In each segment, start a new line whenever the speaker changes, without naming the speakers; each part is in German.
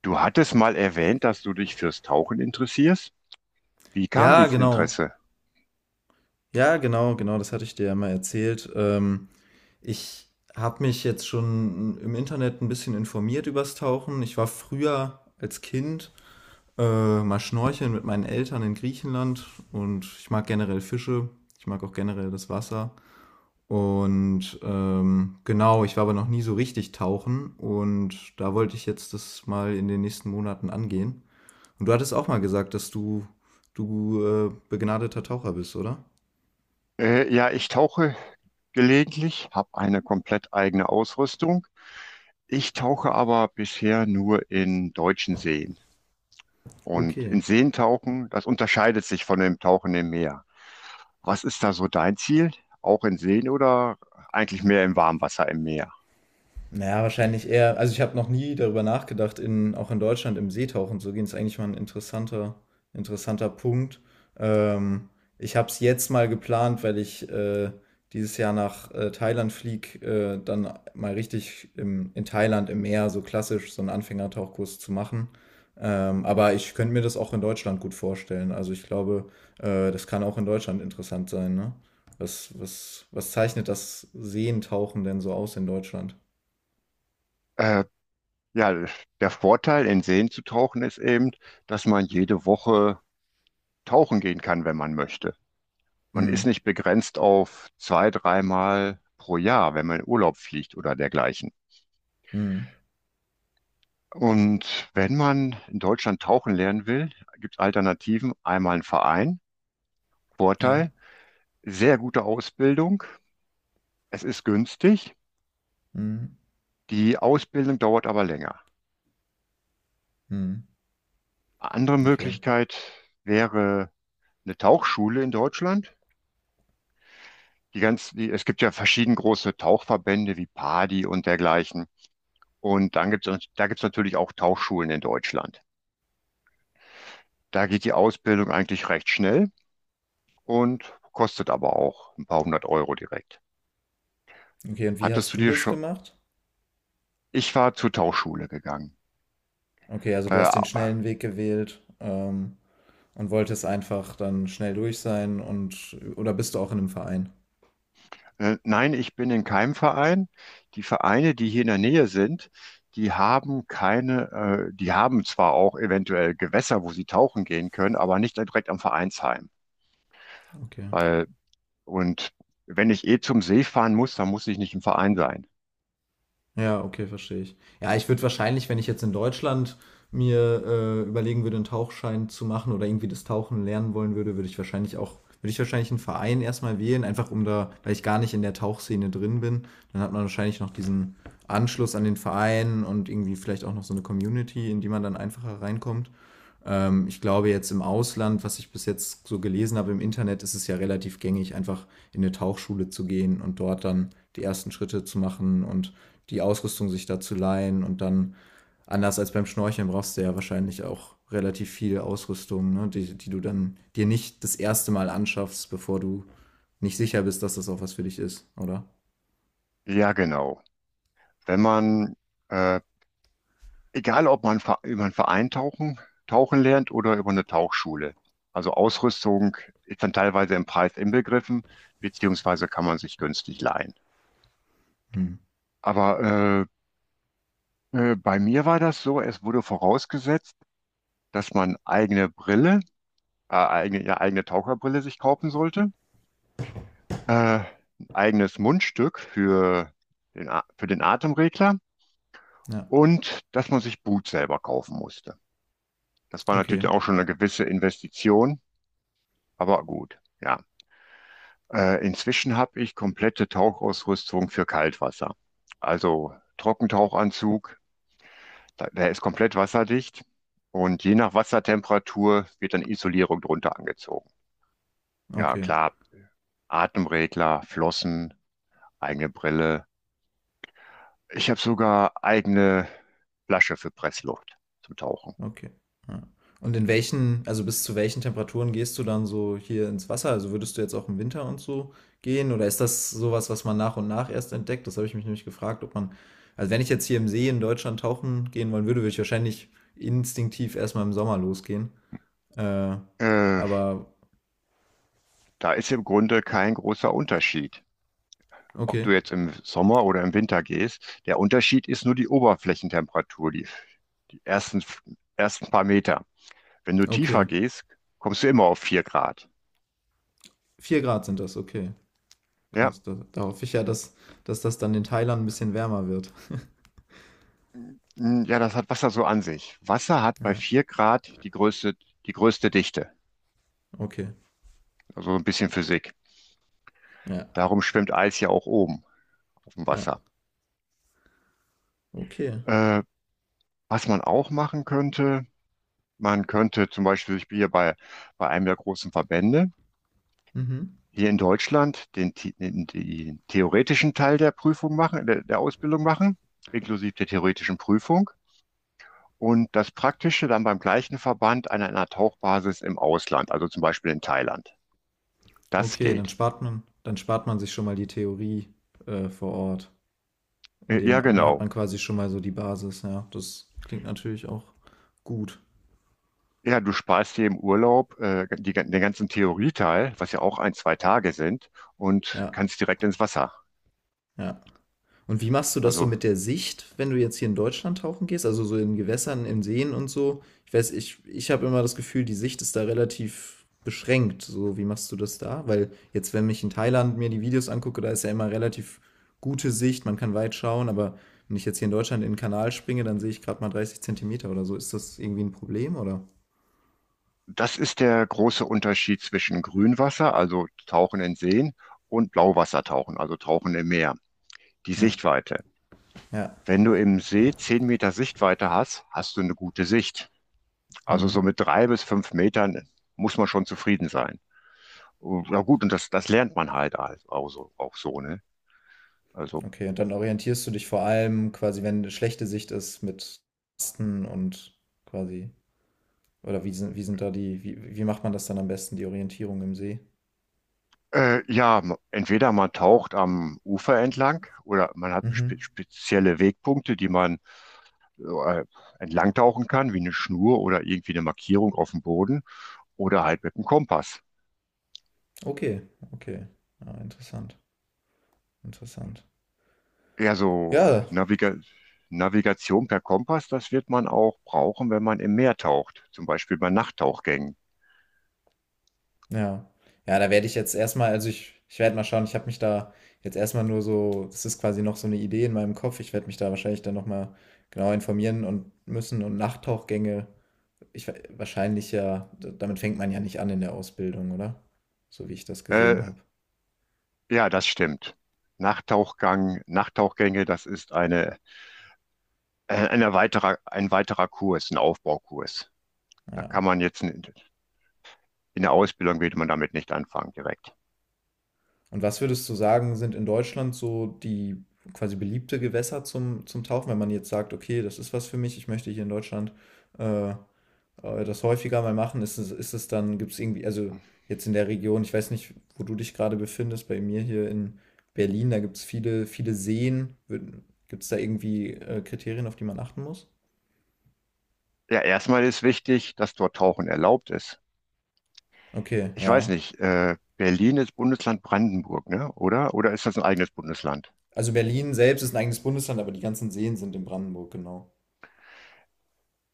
Du hattest mal erwähnt, dass du dich fürs Tauchen interessierst. Wie kam
Ja,
dieses
genau.
Interesse?
Ja, genau, genau, das hatte ich dir ja mal erzählt. Ich habe mich jetzt schon im Internet ein bisschen informiert übers Tauchen. Ich war früher als Kind mal schnorcheln mit meinen Eltern in Griechenland, und ich mag generell Fische. Ich mag auch generell das Wasser. Und genau, ich war aber noch nie so richtig tauchen, und da wollte ich jetzt das mal in den nächsten Monaten angehen. Und du hattest auch mal gesagt, dass du begnadeter Taucher bist, oder?
Ja, ich tauche gelegentlich, habe eine komplett eigene Ausrüstung. Ich tauche aber bisher nur in deutschen Seen.
Auf.
Und
Okay.
in Seen tauchen, das unterscheidet sich von dem Tauchen im Meer. Was ist da so dein Ziel? Auch in Seen oder eigentlich mehr im Warmwasser im Meer?
Naja, wahrscheinlich eher. Also ich habe noch nie darüber nachgedacht, auch in Deutschland im Seetauchen zu gehen. Ist eigentlich mal ein interessanter Punkt. Ähm, Ich habe es jetzt mal geplant, weil ich dieses Jahr nach Thailand fliege, dann mal richtig in Thailand im Meer, so klassisch, so einen Anfängertauchkurs zu machen. Aber ich könnte mir das auch in Deutschland gut vorstellen. Also ich glaube, das kann auch in Deutschland interessant sein, ne? Was zeichnet das Seentauchen denn so aus in Deutschland?
Äh, ja, der Vorteil, in Seen zu tauchen, ist eben, dass man jede Woche tauchen gehen kann, wenn man möchte. Man ist
Mhm.
nicht begrenzt auf zwei, dreimal pro Jahr, wenn man in Urlaub fliegt oder dergleichen.
Mhm.
Und wenn man in Deutschland tauchen lernen will, gibt es Alternativen. Einmal ein Verein,
Ja.
Vorteil, sehr gute Ausbildung, es ist günstig,
Mhm.
die Ausbildung dauert aber länger.
Mhm.
Andere
Okay.
Möglichkeit wäre eine Tauchschule in Deutschland. Es gibt ja verschieden große Tauchverbände wie PADI und dergleichen. Und dann gibt es, da gibt es natürlich auch Tauchschulen in Deutschland. Da geht die Ausbildung eigentlich recht schnell und kostet aber auch ein paar hundert Euro direkt.
Okay, und wie
Hattest
hast
du
du
dir
das
schon?
gemacht?
Ich war zur Tauchschule gegangen.
Okay, also du
Äh,
hast den schnellen Weg gewählt, und wolltest einfach dann schnell durch sein, und oder bist du auch in einem Verein?
nein, ich bin in keinem Verein. Die Vereine, die hier in der Nähe sind, die haben keine, die haben zwar auch eventuell Gewässer, wo sie tauchen gehen können, aber nicht direkt am Vereinsheim.
Okay.
Weil, und wenn ich eh zum See fahren muss, dann muss ich nicht im Verein sein.
Ja, okay, verstehe ich. Ja, ich würde wahrscheinlich, wenn ich jetzt in Deutschland mir überlegen würde, einen Tauchschein zu machen oder irgendwie das Tauchen lernen wollen würde, würde ich wahrscheinlich einen Verein erstmal wählen, einfach um da, weil ich gar nicht in der Tauchszene drin bin, dann hat man wahrscheinlich noch diesen Anschluss an den Verein und irgendwie vielleicht auch noch so eine Community, in die man dann einfacher reinkommt. Ich glaube jetzt im Ausland, was ich bis jetzt so gelesen habe im Internet, ist es ja relativ gängig, einfach in eine Tauchschule zu gehen und dort dann die ersten Schritte zu machen und die Ausrüstung sich da zu leihen und dann, anders als beim Schnorcheln, brauchst du ja wahrscheinlich auch relativ viel Ausrüstung, ne, die du dann dir nicht das erste Mal anschaffst, bevor du nicht sicher bist, dass das auch was für dich ist, oder?
Ja, genau. Wenn man äh, egal, ob man über einen Verein tauchen lernt oder über eine Tauchschule. Also Ausrüstung ist dann teilweise im Preis inbegriffen, beziehungsweise kann man sich günstig leihen.
Hm.
Aber bei mir war das so, es wurde vorausgesetzt, dass man eigene Brille, eigene, ja, eigene Taucherbrille sich kaufen sollte, äh, ein eigenes Mundstück für für den Atemregler
Ja,
und dass man sich Boot selber kaufen musste. Das war
okay,
natürlich auch schon eine gewisse Investition, aber gut, ja. Inzwischen habe ich komplette Tauchausrüstung für Kaltwasser. Also Trockentauchanzug, der ist komplett wasserdicht und je nach Wassertemperatur wird dann Isolierung drunter angezogen. Ja,
okay.
klar, Atemregler, Flossen, eigene Brille. Ich habe sogar eigene Flasche für Pressluft zum Tauchen.
Okay. Ja. Und in welchen, also bis zu welchen Temperaturen gehst du dann so hier ins Wasser? Also würdest du jetzt auch im Winter und so gehen? Oder ist das sowas, was man nach und nach erst entdeckt? Das habe ich mich nämlich gefragt, ob man, also wenn ich jetzt hier im See in Deutschland tauchen gehen wollen würde, würde ich wahrscheinlich instinktiv erstmal im Sommer losgehen. Äh,
Äh,
aber
Da ist im Grunde kein großer Unterschied. Ob
okay,
du jetzt im Sommer oder im Winter gehst, der Unterschied ist nur die Oberflächentemperatur, die ersten, ersten paar Meter. Wenn du tiefer
okay.
gehst, kommst du immer auf 4 Grad.
Vier Grad sind das, okay.
Ja,
Krass. Da, da hoffe ich ja, dass, dass das dann in Thailand ein bisschen wärmer wird.
ja, das hat Wasser so an sich. Wasser hat bei
Ja,
4 Grad die größte Dichte.
okay.
Also so ein bisschen Physik.
Ja,
Darum schwimmt Eis ja auch oben auf dem
ja,
Wasser.
okay.
Äh, Was man auch machen könnte, man könnte zum Beispiel, ich bin hier bei einem der großen Verbände
Mhm.
hier in Deutschland, den theoretischen Teil der Prüfung machen, der Ausbildung machen, inklusive der theoretischen Prüfung. Und das Praktische dann beim gleichen Verband an einer Tauchbasis im Ausland, also zum Beispiel in Thailand. Das
Okay, dann
geht.
spart man sich schon mal die Theorie vor Ort. Indem,
Ja,
dann hat
genau.
man quasi schon mal so die Basis, ja. Das klingt natürlich auch gut.
Ja, du sparst dir im Urlaub die, den ganzen Theorieteil, was ja auch ein, zwei Tage sind, und
Ja,
kannst direkt ins Wasser.
ja. Und wie machst du das so
Also
mit der Sicht, wenn du jetzt hier in Deutschland tauchen gehst? Also so in Gewässern, in Seen und so? Ich weiß, ich habe immer das Gefühl, die Sicht ist da relativ beschränkt. So, wie machst du das da? Weil jetzt, wenn ich in Thailand mir die Videos angucke, da ist ja immer relativ gute Sicht, man kann weit schauen, aber wenn ich jetzt hier in Deutschland in den Kanal springe, dann sehe ich gerade mal 30 Zentimeter oder so. Ist das irgendwie ein Problem oder?
das ist der große Unterschied zwischen Grünwasser, also Tauchen in Seen, und Blauwassertauchen, also Tauchen im Meer. Die
Ja,
Sichtweite.
ja.
Wenn du im See 10 Meter Sichtweite hast, hast du eine gute Sicht. Also
Hm.
so mit drei bis fünf Metern muss man schon zufrieden sein. Und, na gut, das lernt man halt auch so, ne? Also,
Okay, und dann orientierst du dich vor allem quasi, wenn eine schlechte Sicht ist, mit Tasten und quasi. Oder wie sind da wie macht man das dann am besten, die Orientierung im See?
ja, entweder man taucht am Ufer entlang oder man hat
Mhm.
spezielle Wegpunkte, die man äh, entlang tauchen kann, wie eine Schnur oder irgendwie eine Markierung auf dem Boden oder halt mit dem Kompass.
Okay, okay. Ja, interessant.
Ja, so
Ja,
Naviga Navigation per Kompass, das wird man auch brauchen, wenn man im Meer taucht, zum Beispiel bei Nachttauchgängen.
ja. Ja, da werde ich jetzt erstmal, also ich werde mal schauen, ich habe mich da jetzt erstmal nur so, das ist quasi noch so eine Idee in meinem Kopf. Ich werde mich da wahrscheinlich dann nochmal genau informieren und müssen und Nachttauchgänge, ich wahrscheinlich ja, damit fängt man ja nicht an in der Ausbildung, oder? So wie ich das gesehen
Äh,
habe.
ja, das stimmt. Nachttauchgang, Nachttauchgänge, das ist eine, ein weiterer Kurs, ein Aufbaukurs. Da kann
Ja.
man jetzt. In der Ausbildung würde man damit nicht anfangen direkt.
Und was würdest du sagen, sind in Deutschland so die quasi beliebte Gewässer zum Tauchen, wenn man jetzt sagt, okay, das ist was für mich, ich möchte hier in Deutschland äh, das häufiger mal machen, ist es dann, gibt es irgendwie, also jetzt in der Region, ich weiß nicht, wo du dich gerade befindest, bei mir hier in Berlin, da gibt es viele Seen. Gibt es da irgendwie Kriterien, auf die man achten muss?
Ja, erstmal ist wichtig, dass dort Tauchen erlaubt ist.
Okay,
Ich weiß
ja.
nicht, Berlin ist Bundesland Brandenburg, ne? Oder? Oder ist das ein eigenes Bundesland?
Also Berlin selbst ist ein eigenes Bundesland, aber die ganzen Seen sind in Brandenburg, genau.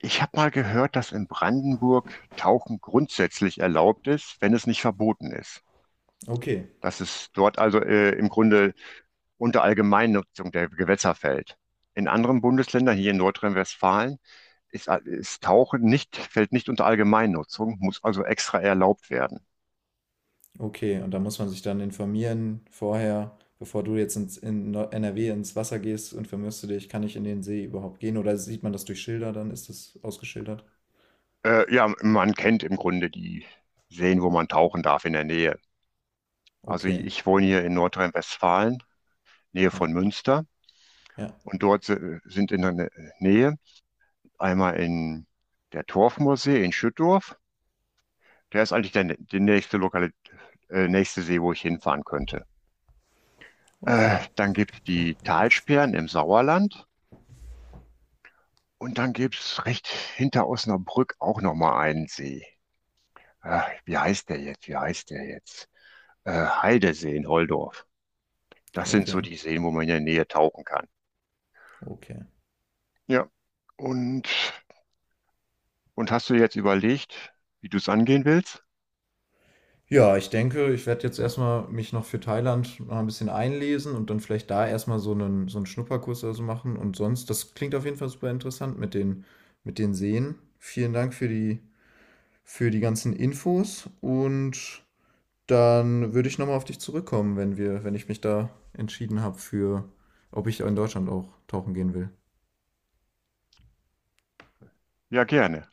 Ich habe mal gehört, dass in Brandenburg Tauchen grundsätzlich erlaubt ist, wenn es nicht verboten ist.
Okay.
Dass es dort also im Grunde unter Allgemeinnutzung der Gewässer fällt. In anderen Bundesländern, hier in Nordrhein-Westfalen, ist Tauchen nicht, fällt nicht unter Allgemeinnutzung, muss also extra erlaubt werden.
Okay, und da muss man sich dann informieren vorher, bevor du jetzt in NRW ins Wasser gehst, informierst du dich, kann ich in den See überhaupt gehen? Oder sieht man das durch Schilder, dann ist das ausgeschildert?
Ja, man kennt im Grunde die Seen, wo man tauchen darf in der Nähe. Also
Okay,
ich wohne hier in Nordrhein-Westfalen, Nähe
ja,
von Münster.
ja,
Und dort sind in der Nähe einmal in der Torfmoorsee in Schüttorf. Der ist eigentlich die nächste Lokal nächste See, wo ich hinfahren könnte.
okay,
Dann gibt es die Talsperren im Sauerland und dann gibt es recht hinter Osnabrück auch nochmal einen See. Wie heißt der jetzt? Heidesee in Holdorf. Das sind so
okay,
die Seen, wo man in der Nähe tauchen kann.
okay.
Ja. Und, und hast du jetzt überlegt, wie du es angehen willst?
Ja, ich denke, ich werde jetzt erstmal mich noch für Thailand noch ein bisschen einlesen und dann vielleicht da erstmal so so einen Schnupperkurs oder so machen. Und sonst, das klingt auf jeden Fall super interessant mit den Seen. Vielen Dank für die ganzen Infos und. Dann würde ich nochmal auf dich zurückkommen, wenn wir, wenn ich mich da entschieden habe für, ob ich in Deutschland auch tauchen gehen will.
Ja, gerne.